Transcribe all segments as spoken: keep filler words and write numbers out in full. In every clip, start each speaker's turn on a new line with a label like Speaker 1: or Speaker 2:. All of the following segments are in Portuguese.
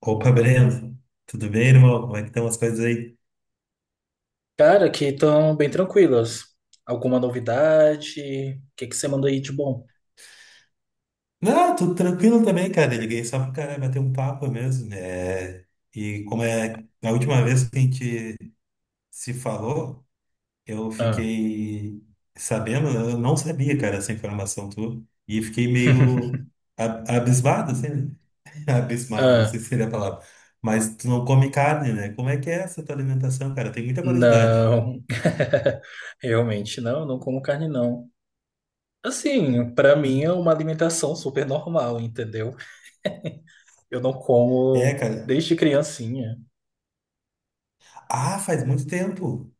Speaker 1: Opa, Breno, tudo bem, irmão? Como é que estão as coisas aí?
Speaker 2: Cara, aqui estão bem tranquilas. Alguma novidade? O que que você mandou aí de bom?
Speaker 1: Não, tudo tranquilo também, cara. Eu liguei só pra cara bater um papo mesmo. É... E como é a última vez que a gente se falou, eu
Speaker 2: Ah,
Speaker 1: fiquei sabendo, né? Eu não sabia, cara, essa informação tua, e fiquei meio a- abismado, assim, né? Abismado, não sei
Speaker 2: ah,
Speaker 1: se seria a palavra. Mas tu não come carne, né? Como é que é essa tua alimentação, cara? Tem muita curiosidade.
Speaker 2: não. Realmente não, não como carne não. Assim, pra mim é
Speaker 1: E-
Speaker 2: uma alimentação super normal, entendeu? Eu não
Speaker 1: É,
Speaker 2: como
Speaker 1: cara.
Speaker 2: desde criancinha.
Speaker 1: Ah, faz muito tempo.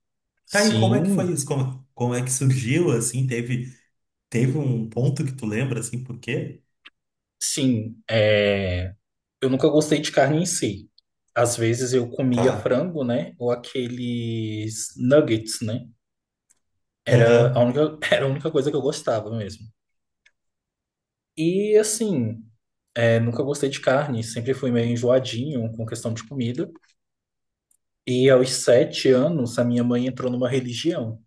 Speaker 1: Tá, e como é que foi
Speaker 2: Sim,
Speaker 1: isso? Como, como é que surgiu, assim? Teve, teve um ponto que tu lembra, assim, por quê?
Speaker 2: sim. É... Eu nunca gostei de carne em si. Às vezes eu comia
Speaker 1: Tá.
Speaker 2: frango, né? Ou aqueles nuggets, né? Era a
Speaker 1: Aham.
Speaker 2: única, era a única coisa que eu gostava mesmo. E assim, é, nunca gostei de carne, sempre fui meio enjoadinho com questão de comida. E aos sete anos, a minha mãe entrou numa religião.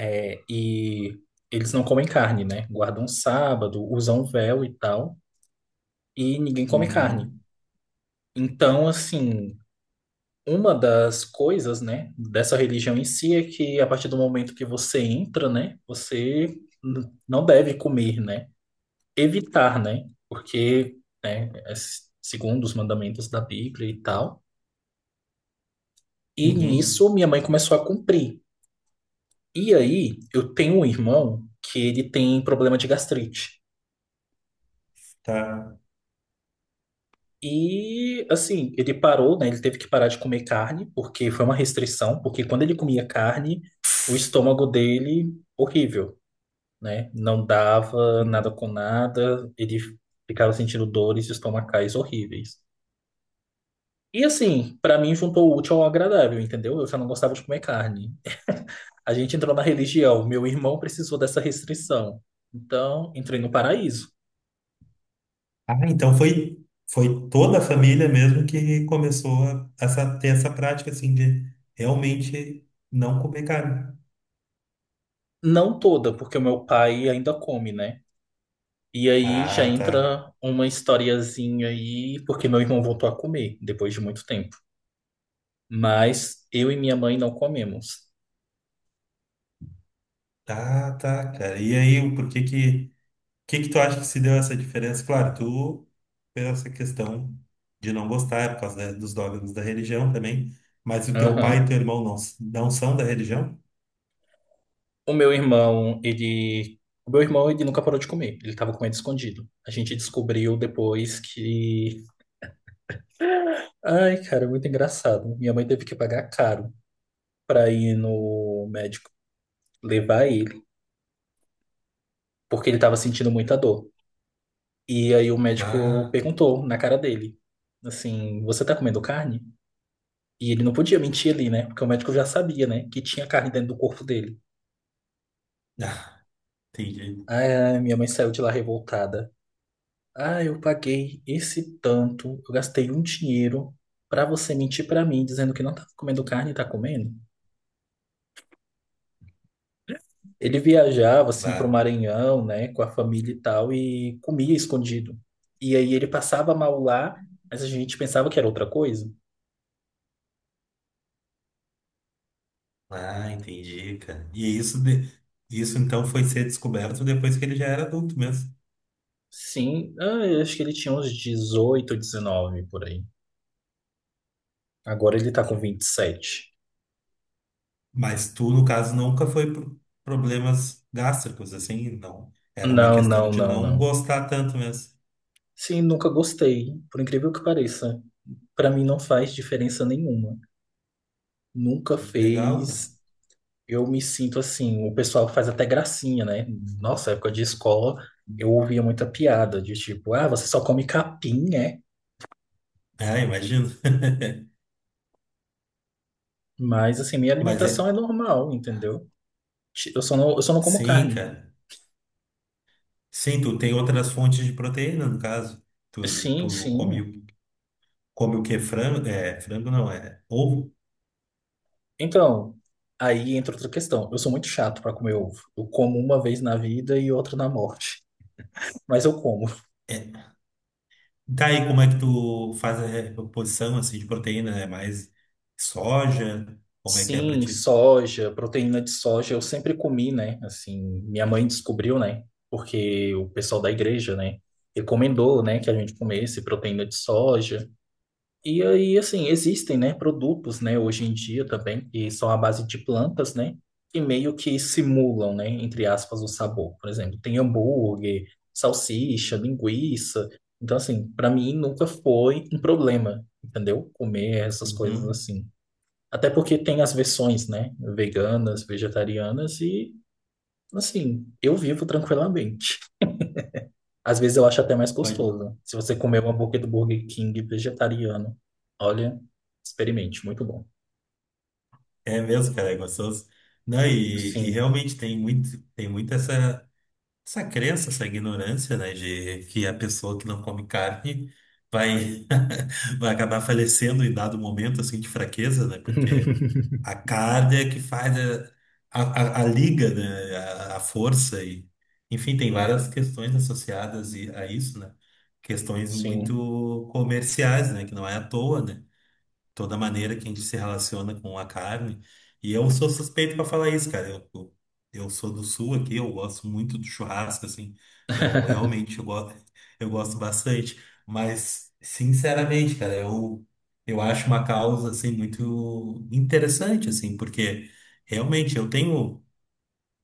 Speaker 2: É, e eles não comem carne, né? Guardam sábado, usam véu e tal, e ninguém come carne.
Speaker 1: Uhum.
Speaker 2: Então, assim, uma das coisas, né, dessa religião em si é que a partir do momento que você entra, né, você n- não deve comer, né? Evitar, né? Porque, né, é segundo os mandamentos da Bíblia e tal. E
Speaker 1: Uhum.
Speaker 2: nisso minha mãe começou a cumprir. E aí eu tenho um irmão que ele tem problema de gastrite.
Speaker 1: Tá.
Speaker 2: E assim, ele parou, né? Ele teve que parar de comer carne, porque foi uma restrição, porque quando ele comia carne, o estômago dele, horrível, né? Não dava nada
Speaker 1: Uhum.
Speaker 2: com nada, ele ficava sentindo dores estomacais horríveis. E assim, pra mim juntou o útil ao agradável, entendeu? Eu já não gostava de comer carne. A gente entrou na religião, meu irmão precisou dessa restrição. Então, entrei no paraíso.
Speaker 1: Ah, então foi, foi, toda a família mesmo que começou a, essa, ter essa prática, assim, de realmente não comer carne.
Speaker 2: Não toda, porque o meu pai ainda come, né? E aí já
Speaker 1: Ah, tá.
Speaker 2: entra uma historiazinha aí, porque meu irmão voltou a comer depois de muito tempo. Mas eu e minha mãe não comemos.
Speaker 1: Ah, tá, cara. E aí, o porquê que... que que tu acha que se deu essa diferença? Claro, tu, pela essa questão de não gostar, é por causa da- dos dogmas da religião também, mas o teu pai e
Speaker 2: Aham.
Speaker 1: teu irmão não, s- não são da religião?
Speaker 2: O meu irmão, ele. O meu irmão, ele nunca parou de comer. Ele tava comendo escondido. A gente descobriu depois que Ai, cara, muito engraçado. Minha mãe teve que pagar caro pra ir no médico levar ele, porque ele tava sentindo muita dor. E aí o médico
Speaker 1: Bah,
Speaker 2: perguntou na cara dele, assim, você tá comendo carne? E ele não podia mentir ali, né? Porque o médico já sabia, né, que tinha carne dentro do corpo dele.
Speaker 1: ah, entendi.
Speaker 2: Ai, minha mãe saiu de lá revoltada. Ah, eu paguei esse tanto, eu gastei um dinheiro pra você mentir pra mim dizendo que não tava comendo carne e tá comendo. Ele viajava assim para o
Speaker 1: Bah,
Speaker 2: Maranhão, né, com a família e tal, e comia escondido. E aí ele passava mal lá, mas a gente pensava que era outra coisa.
Speaker 1: ah, entendi, cara. E isso, de, isso então foi ser descoberto depois que ele já era adulto mesmo.
Speaker 2: Sim, ah, eu acho que ele tinha uns dezoito, dezenove por aí. Agora ele tá com vinte e sete.
Speaker 1: Mas tu, no caso, nunca foi por problemas gástricos, assim, não. Era uma
Speaker 2: Não,
Speaker 1: questão
Speaker 2: não,
Speaker 1: de
Speaker 2: não,
Speaker 1: não
Speaker 2: não.
Speaker 1: gostar tanto mesmo.
Speaker 2: Sim, nunca gostei, por incrível que pareça. Para mim não faz diferença nenhuma. Nunca
Speaker 1: Legal, cara.
Speaker 2: fez. Eu me sinto assim, o pessoal faz até gracinha, né?
Speaker 1: Uhum.
Speaker 2: Nossa, época de escola, eu ouvia muita piada de tipo, ah, você só come capim, né?
Speaker 1: Ah, imagino.
Speaker 2: Mas assim, minha
Speaker 1: Mas é.
Speaker 2: alimentação é normal, entendeu? Eu só não, eu só não como
Speaker 1: Sim,
Speaker 2: carne.
Speaker 1: cara. Sim, tu tem outras fontes de proteína, no caso. Tu,
Speaker 2: Sim,
Speaker 1: tu come,
Speaker 2: sim.
Speaker 1: o- come o que? Frango? É, frango não, é ovo.
Speaker 2: Então, aí entra outra questão. Eu sou muito chato para comer ovo. Eu como uma vez na vida e outra na morte. Mas eu como.
Speaker 1: É. Tá aí, como é que tu faz a reposição assim, de proteína? É mais soja? Como é que é pra
Speaker 2: Sim,
Speaker 1: ti?
Speaker 2: soja, proteína de soja, eu sempre comi, né? Assim, minha mãe descobriu, né? Porque o pessoal da igreja, né, recomendou, né, que a gente comesse proteína de soja. E aí, assim, existem, né, produtos, né, hoje em dia também, que são à base de plantas, né, que meio que simulam, né, entre aspas, o sabor. Por exemplo, tem hambúrguer, salsicha, linguiça. Então, assim, para mim nunca foi um problema, entendeu? Comer essas coisas
Speaker 1: Uhum.
Speaker 2: assim. Até porque tem as versões, né? Veganas, vegetarianas e, assim, eu vivo tranquilamente. Às vezes eu acho até mais
Speaker 1: Pode-
Speaker 2: gostoso. Se você comer um hambúrguer do Burger King vegetariano, olha, experimente, muito bom.
Speaker 1: É mesmo, cara, é gostoso. Não, e, e
Speaker 2: Sim.
Speaker 1: realmente tem muito, tem muito essa, essa crença, essa ignorância, né, de que a pessoa que não come carne vai. Vai acabar falecendo em dado momento assim de fraqueza, né? Porque a carga é que faz a, a, a liga, né? A, a força e enfim, tem várias questões associadas e- a isso, né? Questões
Speaker 2: Sim.
Speaker 1: muito comerciais, né? Que não é à toa, né? Toda a maneira que a gente se relaciona com a carne. E eu sou suspeito para falar isso, cara. Eu, eu, eu sou do sul aqui, eu gosto muito do churrasco, assim. Eu realmente eu gosto, eu gosto bastante. Mas, sinceramente, cara, eu, eu acho uma causa, assim, muito interessante, assim, porque realmente eu tenho.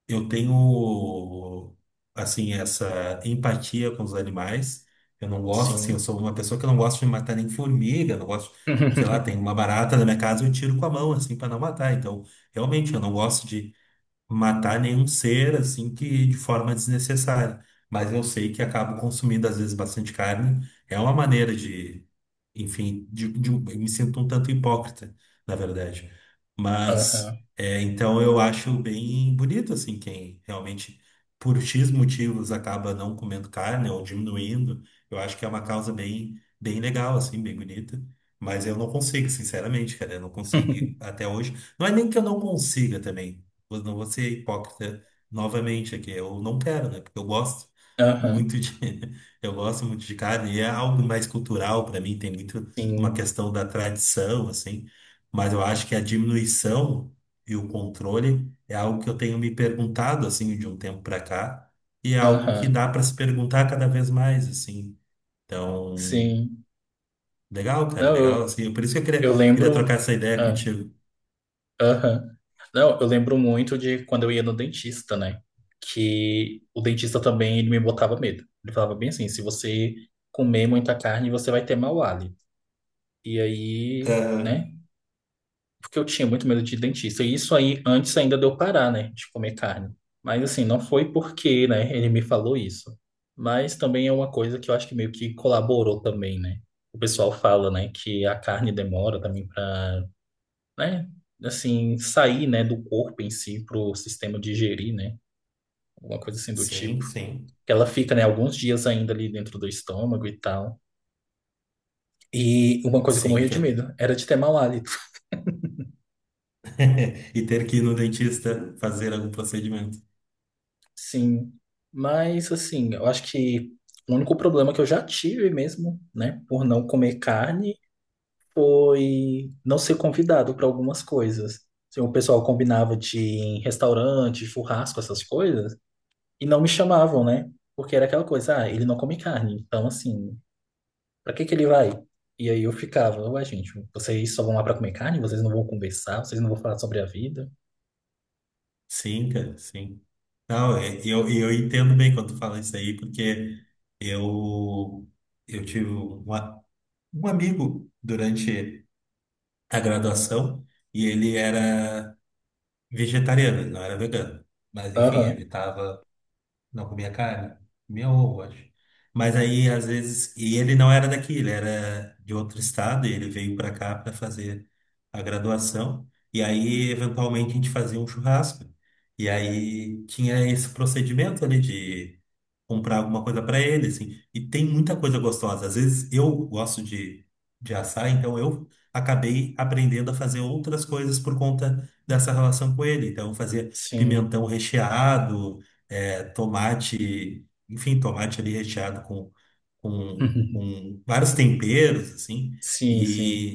Speaker 1: Eu tenho, assim, essa empatia com os animais. Eu não gosto, assim, eu
Speaker 2: Sim.
Speaker 1: sou uma pessoa que não gosta de matar nem formiga, não gosto, sei lá, tem uma barata na minha casa, eu tiro com a mão, assim, para não matar. Então, realmente, eu não gosto de matar nenhum ser assim que de forma desnecessária. Mas eu sei que acabo consumindo às vezes bastante carne. É uma maneira de, enfim, de, de- um, eu me sinto um tanto hipócrita, na verdade. Mas
Speaker 2: Aham.
Speaker 1: é, então eu acho bem bonito assim quem realmente por X motivos acaba não comendo carne ou diminuindo. Eu acho que é uma causa bem bem legal assim, bem bonita. Mas eu não consigo, sinceramente, cara, eu não consegui até hoje. Não é nem que eu não consiga também vou- não vou ser hipócrita novamente aqui. Eu não quero, né? Porque eu gosto
Speaker 2: Aham.
Speaker 1: muito de, eu gosto muito de carne. E é algo mais cultural para mim, tem muito uma
Speaker 2: Sim.
Speaker 1: questão da tradição, assim. Mas eu acho que a diminuição e o controle é algo que eu tenho me perguntado, assim, de um tempo para cá. E é algo que
Speaker 2: Aham.
Speaker 1: dá para se perguntar cada vez mais, assim. Então,
Speaker 2: Sim.
Speaker 1: legal, cara,
Speaker 2: Não,
Speaker 1: legal,
Speaker 2: eu,
Speaker 1: assim. Por isso que eu queria,
Speaker 2: eu
Speaker 1: queria
Speaker 2: lembro.
Speaker 1: trocar essa ideia
Speaker 2: Ah,
Speaker 1: contigo.
Speaker 2: aham. Não, eu lembro muito de quando eu ia no dentista, né? Que o dentista também ele me botava medo. Ele falava bem assim, se você comer muita carne, você vai ter mau hálito. E aí,
Speaker 1: Ah,
Speaker 2: né? Porque eu tinha muito medo de dentista. E isso aí, antes ainda de eu parar, né? De comer carne. Mas assim, não foi porque, né? Ele me falou isso. Mas também é uma coisa que eu acho que meio que colaborou também, né? O pessoal fala, né? Que a carne demora também para né? Assim, sair, né, do corpo em si para o sistema digerir, né? Alguma coisa assim do
Speaker 1: sim,
Speaker 2: tipo.
Speaker 1: sim.
Speaker 2: Que ela fica, né, alguns dias ainda ali dentro do estômago e tal. E uma coisa que eu
Speaker 1: Sim,
Speaker 2: morria de
Speaker 1: cara.
Speaker 2: medo era de ter mau hálito.
Speaker 1: E ter que ir no dentista fazer algum procedimento.
Speaker 2: Sim. Mas, assim, eu acho que o único problema que eu já tive mesmo, né, por não comer carne, foi não ser convidado para algumas coisas. Assim, o pessoal combinava de ir em restaurante, churrasco, essas coisas. E não me chamavam, né? Porque era aquela coisa, ah, ele não come carne, então assim, pra que que ele vai? E aí eu ficava, ué, gente, vocês só vão lá pra comer carne? Vocês não vão conversar? Vocês não vão falar sobre a vida?
Speaker 1: Sim, cara, sim. Não, é- eu, eu entendo bem quando tu fala isso aí, porque eu, eu tive uma- um amigo durante a graduação e ele era vegetariano, ele não era vegano. Mas, enfim,
Speaker 2: Aham,
Speaker 1: evitava Não comia carne? Comia ovo, acho. Mas aí, às vezes. E ele não era daqui, ele era de outro estado, e ele veio pra cá pra fazer a graduação. E aí, eventualmente, a gente fazia um churrasco. E aí tinha esse procedimento ali de comprar alguma coisa para ele, assim. E tem muita coisa gostosa. Às vezes eu gosto de, de assar, então eu acabei aprendendo a fazer outras coisas por conta dessa relação com ele. Então eu fazia
Speaker 2: sim.
Speaker 1: pimentão recheado, eh, tomate, enfim, tomate ali recheado com, com, com vários temperos, assim.
Speaker 2: Sim, sim.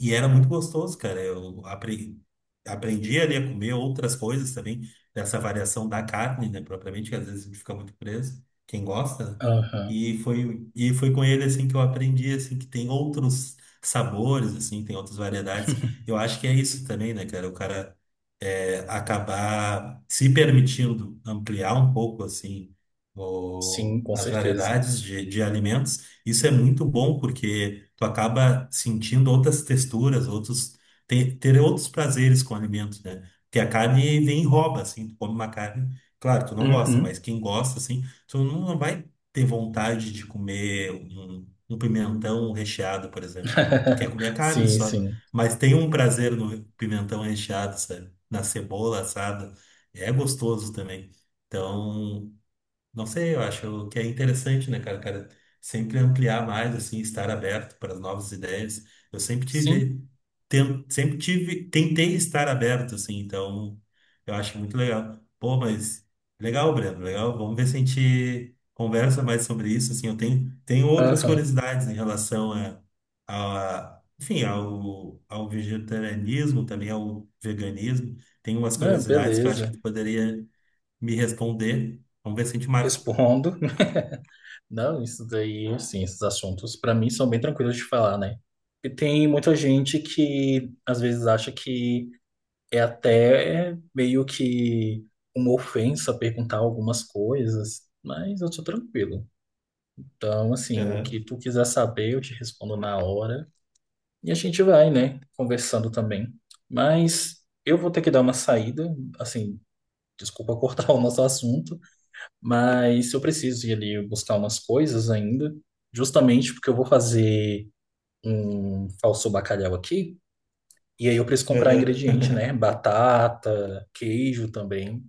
Speaker 1: E era muito gostoso, cara. Eu apre- aprendi ali a comer outras coisas também, dessa variação da carne, né, propriamente, que às vezes a gente fica muito preso, quem gosta, né?
Speaker 2: Aham,
Speaker 1: E foi, e foi com ele, assim, que eu aprendi, assim, que tem outros sabores, assim, tem outras variedades. Eu acho que é isso também, né, cara? O cara é, acabar se permitindo ampliar um pouco, assim,
Speaker 2: sim,
Speaker 1: o-
Speaker 2: com
Speaker 1: as
Speaker 2: certeza.
Speaker 1: variedades de, de alimentos. Isso é muito bom, porque tu acaba sentindo outras texturas, outros ter, ter outros prazeres com o alimento, né? Porque a carne vem e rouba, assim, tu come uma carne, claro, tu não gosta, mas
Speaker 2: Uhum.
Speaker 1: quem gosta, assim, tu não não vai ter vontade de comer um, um pimentão recheado, por exemplo. Tu quer comer a carne
Speaker 2: Sim,
Speaker 1: só,
Speaker 2: sim.
Speaker 1: mas tem um prazer no pimentão recheado, sabe? Na cebola assada, é gostoso também. Então, não sei, eu acho que é interessante, né, cara, cara, sempre ampliar mais, assim, estar aberto para as novas ideias. Eu sempre
Speaker 2: Sim,
Speaker 1: tive, ten- sempre tive, tentei estar aberto, assim, então eu acho muito legal. Pô, mas legal, Breno, legal. Vamos ver se a gente conversa mais sobre isso, assim, eu tenho, tenho outras
Speaker 2: aham.
Speaker 1: curiosidades em relação a, a enfim, ao, ao vegetarianismo, também ao veganismo. Tem umas
Speaker 2: Ah,
Speaker 1: curiosidades que eu acho que
Speaker 2: beleza.
Speaker 1: tu poderia me responder. Vamos ver se a gente marca
Speaker 2: Respondo. Não, isso daí, assim, esses assuntos para mim são bem tranquilos de falar, né? E tem muita gente que às vezes acha que é até meio que uma ofensa perguntar algumas coisas, mas eu sou tranquilo. Então, assim, o que
Speaker 1: Aham,
Speaker 2: tu quiser saber, eu te respondo na hora e a gente vai, né, conversando também. Mas eu vou ter que dar uma saída, assim, desculpa cortar o nosso assunto, mas eu preciso ir ali buscar umas coisas ainda, justamente porque eu vou fazer um falso bacalhau aqui. E aí eu preciso comprar
Speaker 1: aham.
Speaker 2: ingrediente, né? Batata, queijo também.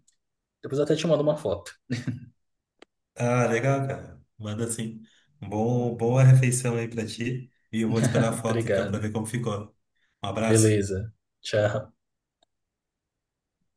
Speaker 2: Depois eu até te mando uma foto.
Speaker 1: Ah, legal, cara. Manda sim. Bom, boa refeição aí pra ti. E eu vou esperar a foto então pra
Speaker 2: Obrigado.
Speaker 1: ver como ficou. Um abraço.
Speaker 2: Beleza. Tchau.